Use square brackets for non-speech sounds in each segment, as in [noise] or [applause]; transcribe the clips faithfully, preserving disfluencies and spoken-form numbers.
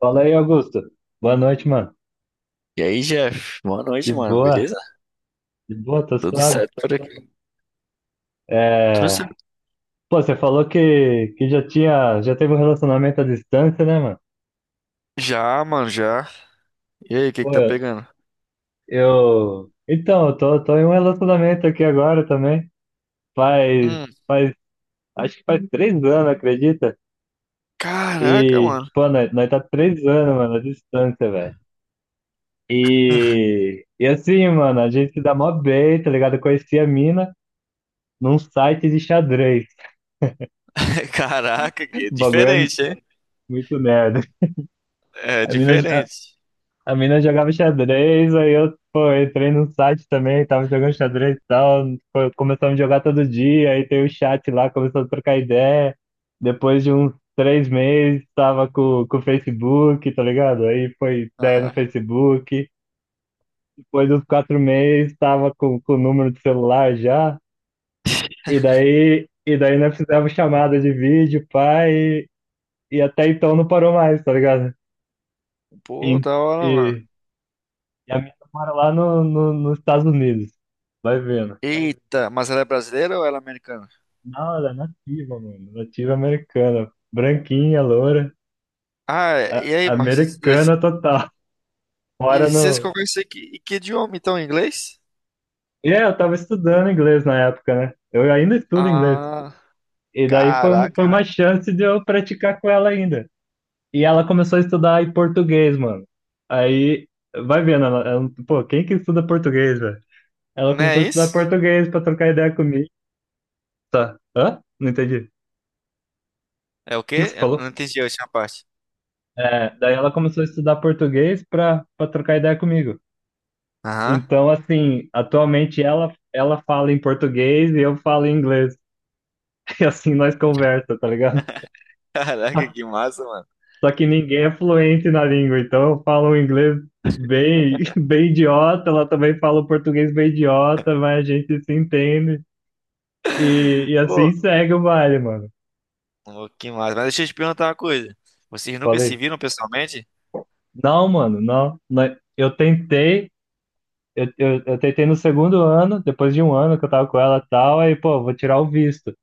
Fala aí, Augusto. Boa noite, mano. E aí, Jeff? Boa De noite, mano. boa, Beleza? de boa, tô Tudo suave. certo por aqui? Tudo É... certo. Pô, você falou que, que já tinha, já teve um relacionamento à distância, né, mano? Já, mano, já. E aí, o que que Pô, tá eu... pegando? eu- Então, eu tô, tô em um relacionamento aqui agora também. Faz, Hum, faz, acho que faz três anos, acredita? caraca, E, mano. pô, nós, nós tá três anos, mano, à distância, velho. [laughs] E, e assim, mano, a gente se dá mó bem, tá ligado? Eu conheci a mina num site de xadrez. Caraca, que [laughs] é O bagulho é diferente, hein? muito nerd. É A mina, a, diferente. a mina jogava xadrez, aí eu, pô, entrei no site também, tava jogando xadrez e tal, foi- começamos a jogar todo dia, aí tem o chat lá, começou a trocar ideia. Depois de uns três meses, tava com, com o Facebook, tá ligado? Aí foi ideia no Ah, Facebook. Depois dos quatro meses, tava com, com o número de celular já. E daí, e daí nós fizemos chamada de vídeo, pai, e, e até então não parou mais, tá ligado? pô, E, da hora, e- mano. E a minha mora lá no, no, nos Estados Unidos. Vai vendo. Eita, mas ela é brasileira ou ela é americana? Não, ela é nativa, mano. Nativa americana. Branquinha, loura. Ah, a- e aí, mas Americana total. Mora e vocês no. conversam em que, em que idioma, então, em inglês? E é, eu tava estudando inglês na época, né? Eu ainda estudo inglês. Ah, E daí foi, um- foi caraca. uma chance de eu praticar com ela ainda. E ela começou a estudar em português, mano. Aí, vai vendo, ela, ela- pô, quem que estuda português, velho? Ela Não começou a é estudar isso? português pra trocar ideia comigo. Tá. Hã? Não entendi. O É o que que quê? você Eu falou? não entendi a última parte. É, daí ela começou a estudar português para para trocar ideia comigo. Aham. Então, [laughs] assim, atualmente ela ela fala em português e eu falo em inglês. [laughs] E assim nós conversa, tá ligado? Caraca, que massa, mano. Só que ninguém é fluente na língua, então eu falo um inglês bem [laughs] bem idiota, ela também fala o português bem idiota, mas a gente se entende. E, e Pô, assim segue o baile, mano. pô, que massa. Mas deixa eu te perguntar uma coisa. Vocês nunca se Falei, viram pessoalmente? não, mano, não. Nós- Eu tentei eu, eu, eu tentei no segundo ano, depois de um ano que eu tava com ela e tal, aí, pô, vou tirar o visto.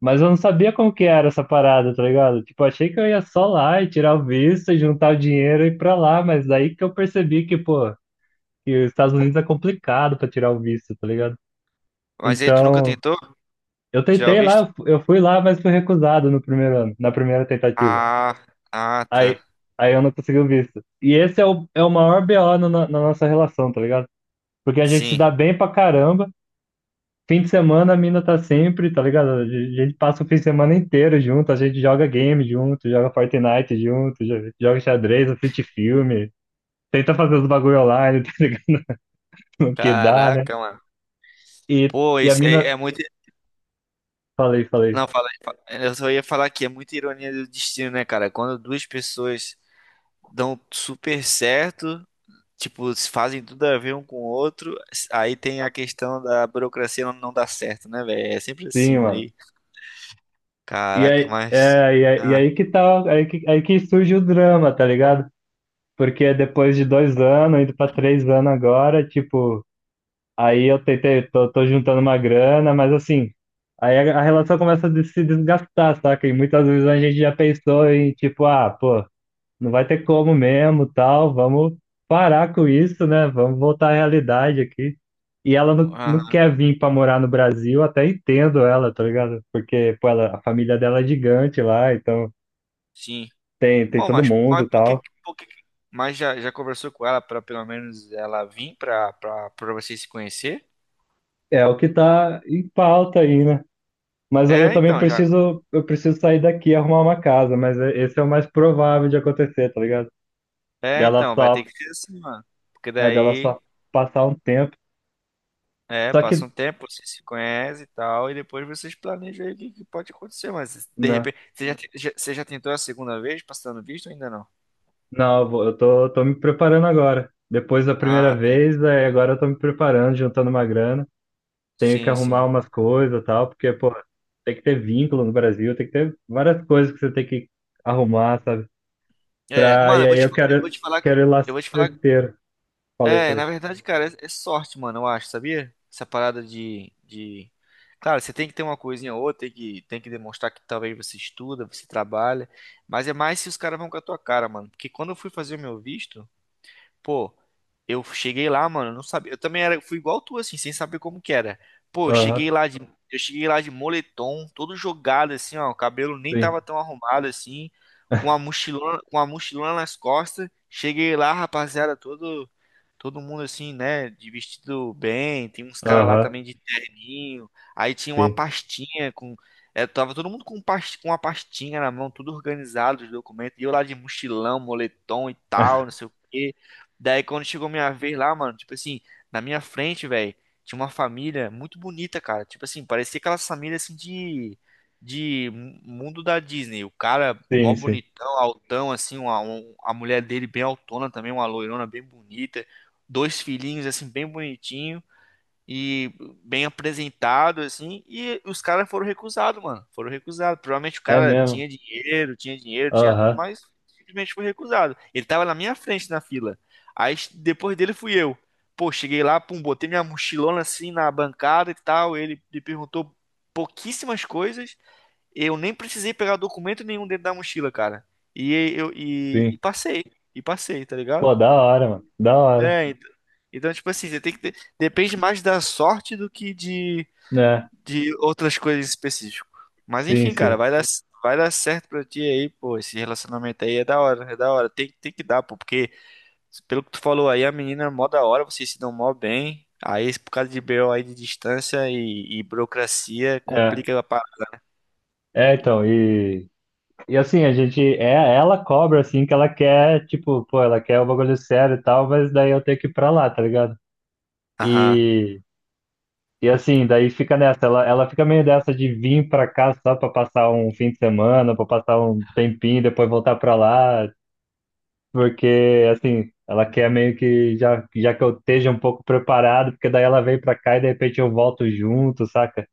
Mas eu não sabia como que era essa parada, tá ligado? Tipo, achei que eu ia só lá e tirar o visto, e juntar o dinheiro e ir pra lá, mas daí que eu percebi que, pô, que os Estados Unidos é complicado pra tirar o visto, tá ligado? Mas aí tu nunca Então, tentou eu tirar o tentei lá, visto? eu fu- eu fui lá, mas fui recusado no primeiro ano, na primeira tentativa. Ah, ah, Aí, tá. aí eu não consegui o visto. E esse é o, é o, maior B O no- na, na na nossa relação, tá ligado? Porque a gente se Sim. dá bem pra caramba, fim de semana a mina tá sempre, tá ligado? A gente a gente passa o fim de semana inteiro junto, a gente joga game junto, joga Fortnite junto, jo- joga xadrez, assiste filme, tenta fazer os bagulho online, [laughs] tá ligado? No que dá, né? Caraca, mano. E, Pô, e a isso aí mina. é muito. Falei, falei. Não, fala, fala- eu só ia falar que é muita ironia do destino, né, cara? Quando duas pessoas dão super certo, tipo, se fazem tudo a ver um com o outro, aí tem a questão da burocracia não, não dar certo, né, velho? É sempre assim, Sim, mano. mano. E- E Caraca, aí, mas. é, e aí, e Ah, aí que tá, aí que, aí que surge o drama, tá ligado? Porque depois de dois anos, indo pra três anos agora, tipo. Aí eu tentei, tô, tô juntando uma grana, mas assim, aí a, a relação começa a des- se desgastar, saca? E muitas vezes a gente já pensou em tipo, ah, pô, não vai ter como mesmo, tal, vamos parar com isso, né? Vamos voltar à realidade aqui. E ela não, não ah, quer vir pra morar no Brasil, até entendo ela, tá ligado? Porque, pô, ela, a família dela é gigante lá, então sim. tem, tem Bom, todo mas, mundo, mas por que, tal. por que, mas já, já conversou com ela para pelo menos ela vir para para vocês se conhecer? É o que tá em pauta aí, né? Mas aí eu É, também então, já. preciso, eu preciso sair daqui e arrumar uma casa, mas é- esse é o mais provável de acontecer, tá ligado? É, Dela então, vai só, ter que ser assim, mano. Porque é, dela daí, só passar um tempo. é, Só que, passa um tempo, você se conhece e tal, e depois vocês planejam aí o que que pode acontecer, mas de não, repente, você já, te- já- você já tentou a segunda vez passando visto ou ainda não? não, eu vou- eu tô, tô me preparando agora. Depois da primeira Ah, tá. vez, aí agora eu tô me preparando, juntando uma grana. Tenho que Sim, arrumar sim. umas coisas e tal, porque, pô, tem que ter vínculo no Brasil, tem que ter várias coisas que você tem que arrumar, sabe? É, Pra, mano, E eu vou aí te, eu fa- eu vou quero, te falar, quero ir lá eu vou te falar. certeiro. Falei, É, falei. na verdade, cara, é, é sorte, mano, eu acho, sabia? Essa parada de, de... claro, você tem que ter uma coisinha ou outra, tem que, tem que demonstrar que talvez você estuda, você trabalha, mas é mais se os caras vão com a tua cara, mano. Porque quando eu fui fazer o meu visto, pô, eu cheguei lá, mano, eu não sabia. Eu também era, fui igual tu, assim, sem saber como que era. Pô, eu Aham, cheguei lá de, eu cheguei lá de moletom, todo jogado, assim, ó. O cabelo nem sim. tava tão arrumado, assim, com a [laughs] mochilona, com a mochilona nas costas. Cheguei lá, rapaziada, todo, todo mundo, assim, né, de vestido bem. Tem uns caras lá Aham, também de terninho. Aí tinha uma sim. pastinha com. É, tava todo mundo com, past- com uma pastinha na mão, tudo organizado, os documentos. E eu lá de mochilão, moletom e tal, não sei o quê. Daí quando chegou minha vez lá, mano, tipo assim, na minha frente, velho, tinha uma família muito bonita, cara. Tipo assim, parecia aquelas famílias assim de de mu- mundo da Disney. O cara mó Sim, sim. bonitão, altão assim, uma, um- a mulher dele bem altona também, uma loirona bem bonita, dois filhinhos assim bem bonitinho e bem apresentado, assim, e os caras foram recusados, mano. Foram recusados. Provavelmente o É cara mesmo. tinha dinheiro, tinha dinheiro, tinha tudo, Aham, mas simplesmente foi recusado. Ele tava na minha frente na fila. Aí depois dele fui eu. Pô, cheguei lá, pum, botei minha mochilona assim na bancada e tal. Ele me perguntou pouquíssimas coisas. Eu nem precisei pegar documento nenhum dentro da mochila, cara. E eu e, e sim. passei, e passei, tá ligado? Pô, da hora, mano. Da hora. É, ent- então, tipo assim, você tem que ter. Depende mais da sorte do que de, Né? de outras coisas específicas. Mas Sim, enfim, cara, sim. vai dar, vai dar certo pra ti aí, pô. Esse relacionamento aí é da hora, é da hora. Tem, tem que dar, pô, porque pelo que tu falou aí, a menina é mó da hora, vocês se dão mó bem. Aí, por causa de B O aí de distância e, e burocracia, É. complica a parada. É, então, e, e assim, a gente, é, ela cobra, assim, que ela quer, tipo, pô, ela quer o bagulho sério e tal, mas daí eu tenho que ir pra lá, tá ligado? Aham, E, e assim, daí fica nessa, ela, ela fica meio dessa de vir pra cá só pra passar um fim de semana, pra passar um tempinho, depois voltar pra lá, porque assim, ela quer meio que já, já que eu esteja um pouco preparado, porque daí ela vem pra cá e de repente eu volto junto, saca?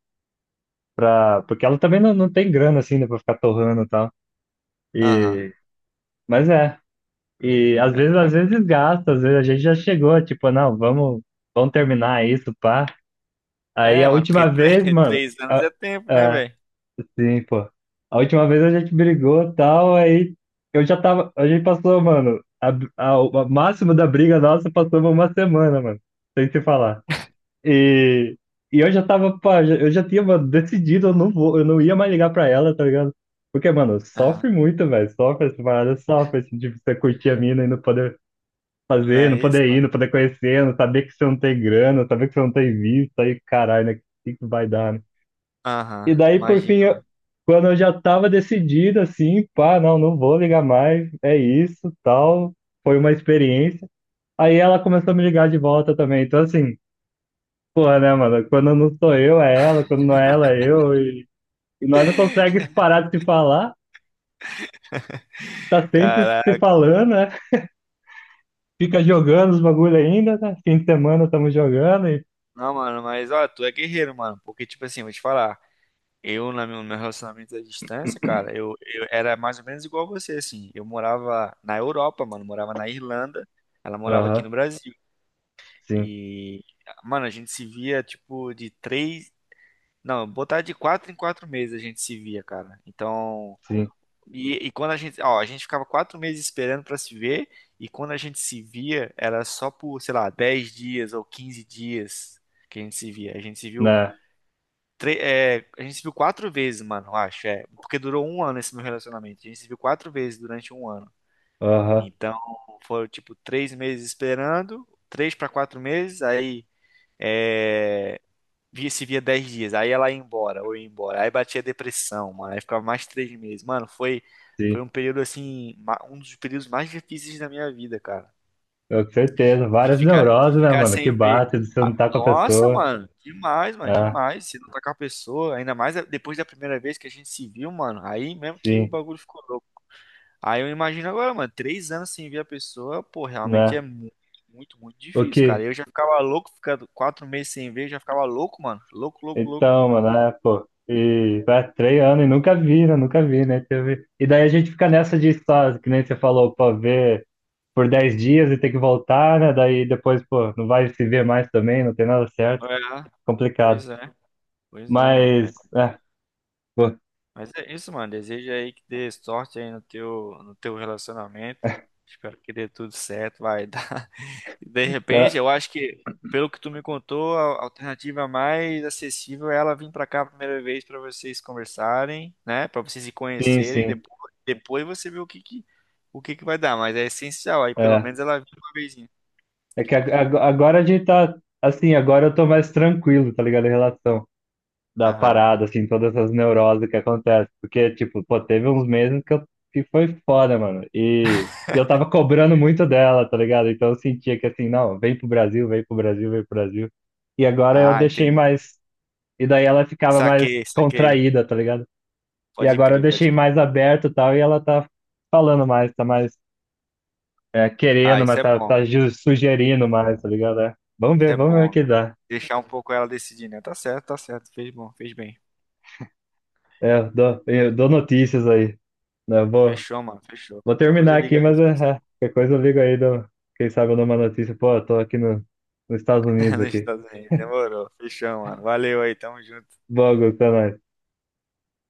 Pra, porque ela também não, não tem grana assim, né, pra ficar torrando e tal. aham. E, mas é, e às vezes, às vezes gasta, às vezes a gente já chegou, tipo, não, vamos, vamos terminar isso, pá. Aí É, a mano, porque última tre- vez, [laughs] mano, três anos é tempo, né, velho? sim, pô. A última vez a gente brigou e tal, aí eu já tava. A gente passou, mano. A, a, o máximo da briga nossa passou uma semana, mano. Sem se falar. E, e eu já tava, pá, já- eu já tinha, mano, decidido, eu não vou, eu não ia mais ligar pra ela, tá ligado? Porque, mano, Aham. sofre muito, velho. Sofre essa parada, sofre, assim, de você curtir a mina e não poder Não fazer, não é isso, poder ir, não mano? poder conhecer, não saber que você não tem grana, saber que você não tem visto, aí, caralho, né? O que que vai dar, né? Aham, E daí, por fim, imagina. eu- quando eu já tava decidido, assim, pá, não, não vou ligar mais, é isso, tal, foi uma experiência. Aí ela começou a me ligar de volta também. Então, assim, porra, né, mano? Quando não sou eu, é ela, quando não é ela, é eu. E, e nós não conseguimos parar de se falar, tá sempre se Caraca. falando, né? Fica jogando os bagulho ainda, né? Fim de semana estamos jogando e. Não, mano, mas ó, tu é guerreiro, mano. Porque, tipo assim, vou te falar. Eu, na meu, meu relacionamento à distância, cara, eu, eu era mais ou menos igual você, assim. Eu morava na Europa, mano. Morava na Irlanda. Ela morava aqui Aham, no Brasil. sim, E, mano, a gente se via, tipo, de três. Não, botar de quatro em quatro meses a gente se via, cara. Então. sim, E, e quando a gente. Ó, a gente ficava quatro meses esperando pra se ver. E quando a gente se via, era só por, sei lá, dez dias ou quinze dias que a gente se via. A gente se viu. né? Tre- é, a gente se viu quatro vezes, mano, eu acho. É, porque durou um ano esse meu relacionamento. A gente se viu quatro vezes durante um ano. Aham, Então, foram tipo três meses esperando, três para quatro meses, aí é, via se via dez dias, aí ela ia embora, ou ia embora. Aí batia depressão, mano. Aí ficava mais três meses. Mano, foi, sim. foi um período assim, ma- um dos períodos mais difíceis da minha vida, cara. Eu, com certeza, De várias ficar, de neuroses, né, ficar mano? Que sem ver. bate, você não tá com a Nossa, pessoa. mano, demais, mano, Ah, demais. Se não tá com a pessoa, ainda mais depois da primeira vez que a gente se viu, mano, aí mesmo que o sim, bagulho ficou louco. Aí eu imagino agora, mano, três anos sem ver a pessoa, pô, realmente é né? muito, muito, muito O difícil, cara. que? Eu já ficava louco, ficando quatro meses sem ver, eu já ficava louco, mano. Louco, louco, louco. Então, mano, é, pô. E vai três anos e nunca vi, né? Nunca vi, né? Teve... E daí a gente fica nessa de só, que nem você falou, pô, ver por dez dias e ter que voltar, né? Daí depois, pô, não vai se ver mais também, não tem nada certo. É, Complicado. pois é, pois é, mano. É, Mas, é, pô, mas é isso, mano. Desejo aí que dê sorte aí no teu, no teu relacionamento. Espero que dê tudo certo, vai. E de repente, tá- eu acho que, pelo que tu me contou, a a alternativa mais acessível é ela vir pra cá a primeira vez pra vocês conversarem, né? Pra vocês se sim, conhecerem sim. depois, depois, você vê o que que, o que que vai dar, mas é essencial, aí pelo É. menos ela vir uma vezinha. É que ag- ag- agora a gente tá, assim, agora eu tô mais tranquilo, tá ligado? Em relação. da Aham. parada, assim, todas essas neuroses que acontecem. Porque, tipo, pô, teve uns meses que, eu, que foi foda, mano. E, e eu tava cobrando muito dela, tá ligado? Então eu sentia que, assim, não, vem pro Brasil, vem pro Brasil, vem pro Brasil. E agora eu Ah, deixei entendi. mais. E daí ela ficava mais Saquei, saquei. contraída, tá ligado? E Pode agora eu crer, deixei pode mais crer. aberto e tal, e ela tá falando mais, tá mais é, Ah, querendo, isso mas é tá, bom. tá ju- sugerindo mais, tá ligado? É. Vamos Isso ver, é vamos ver o bom, que né? dá. Deixar um pouco ela decidir, né? Tá certo, tá certo. Fez bom, fez bem. É, eu dou, eu dou notícias aí. Né? Vou, Fechou, mano. Fechou. Vou Qualquer coisa terminar aqui, liga aí. mas é, é, qualquer coisa eu ligo aí, dou- quem sabe eu dou uma notícia. Pô, eu tô aqui no, nos Estados Unidos [laughs] Nos aqui. Estados Unidos. Demorou. Fechou, mano. Valeu aí. Tamo junto. Logo, até mais.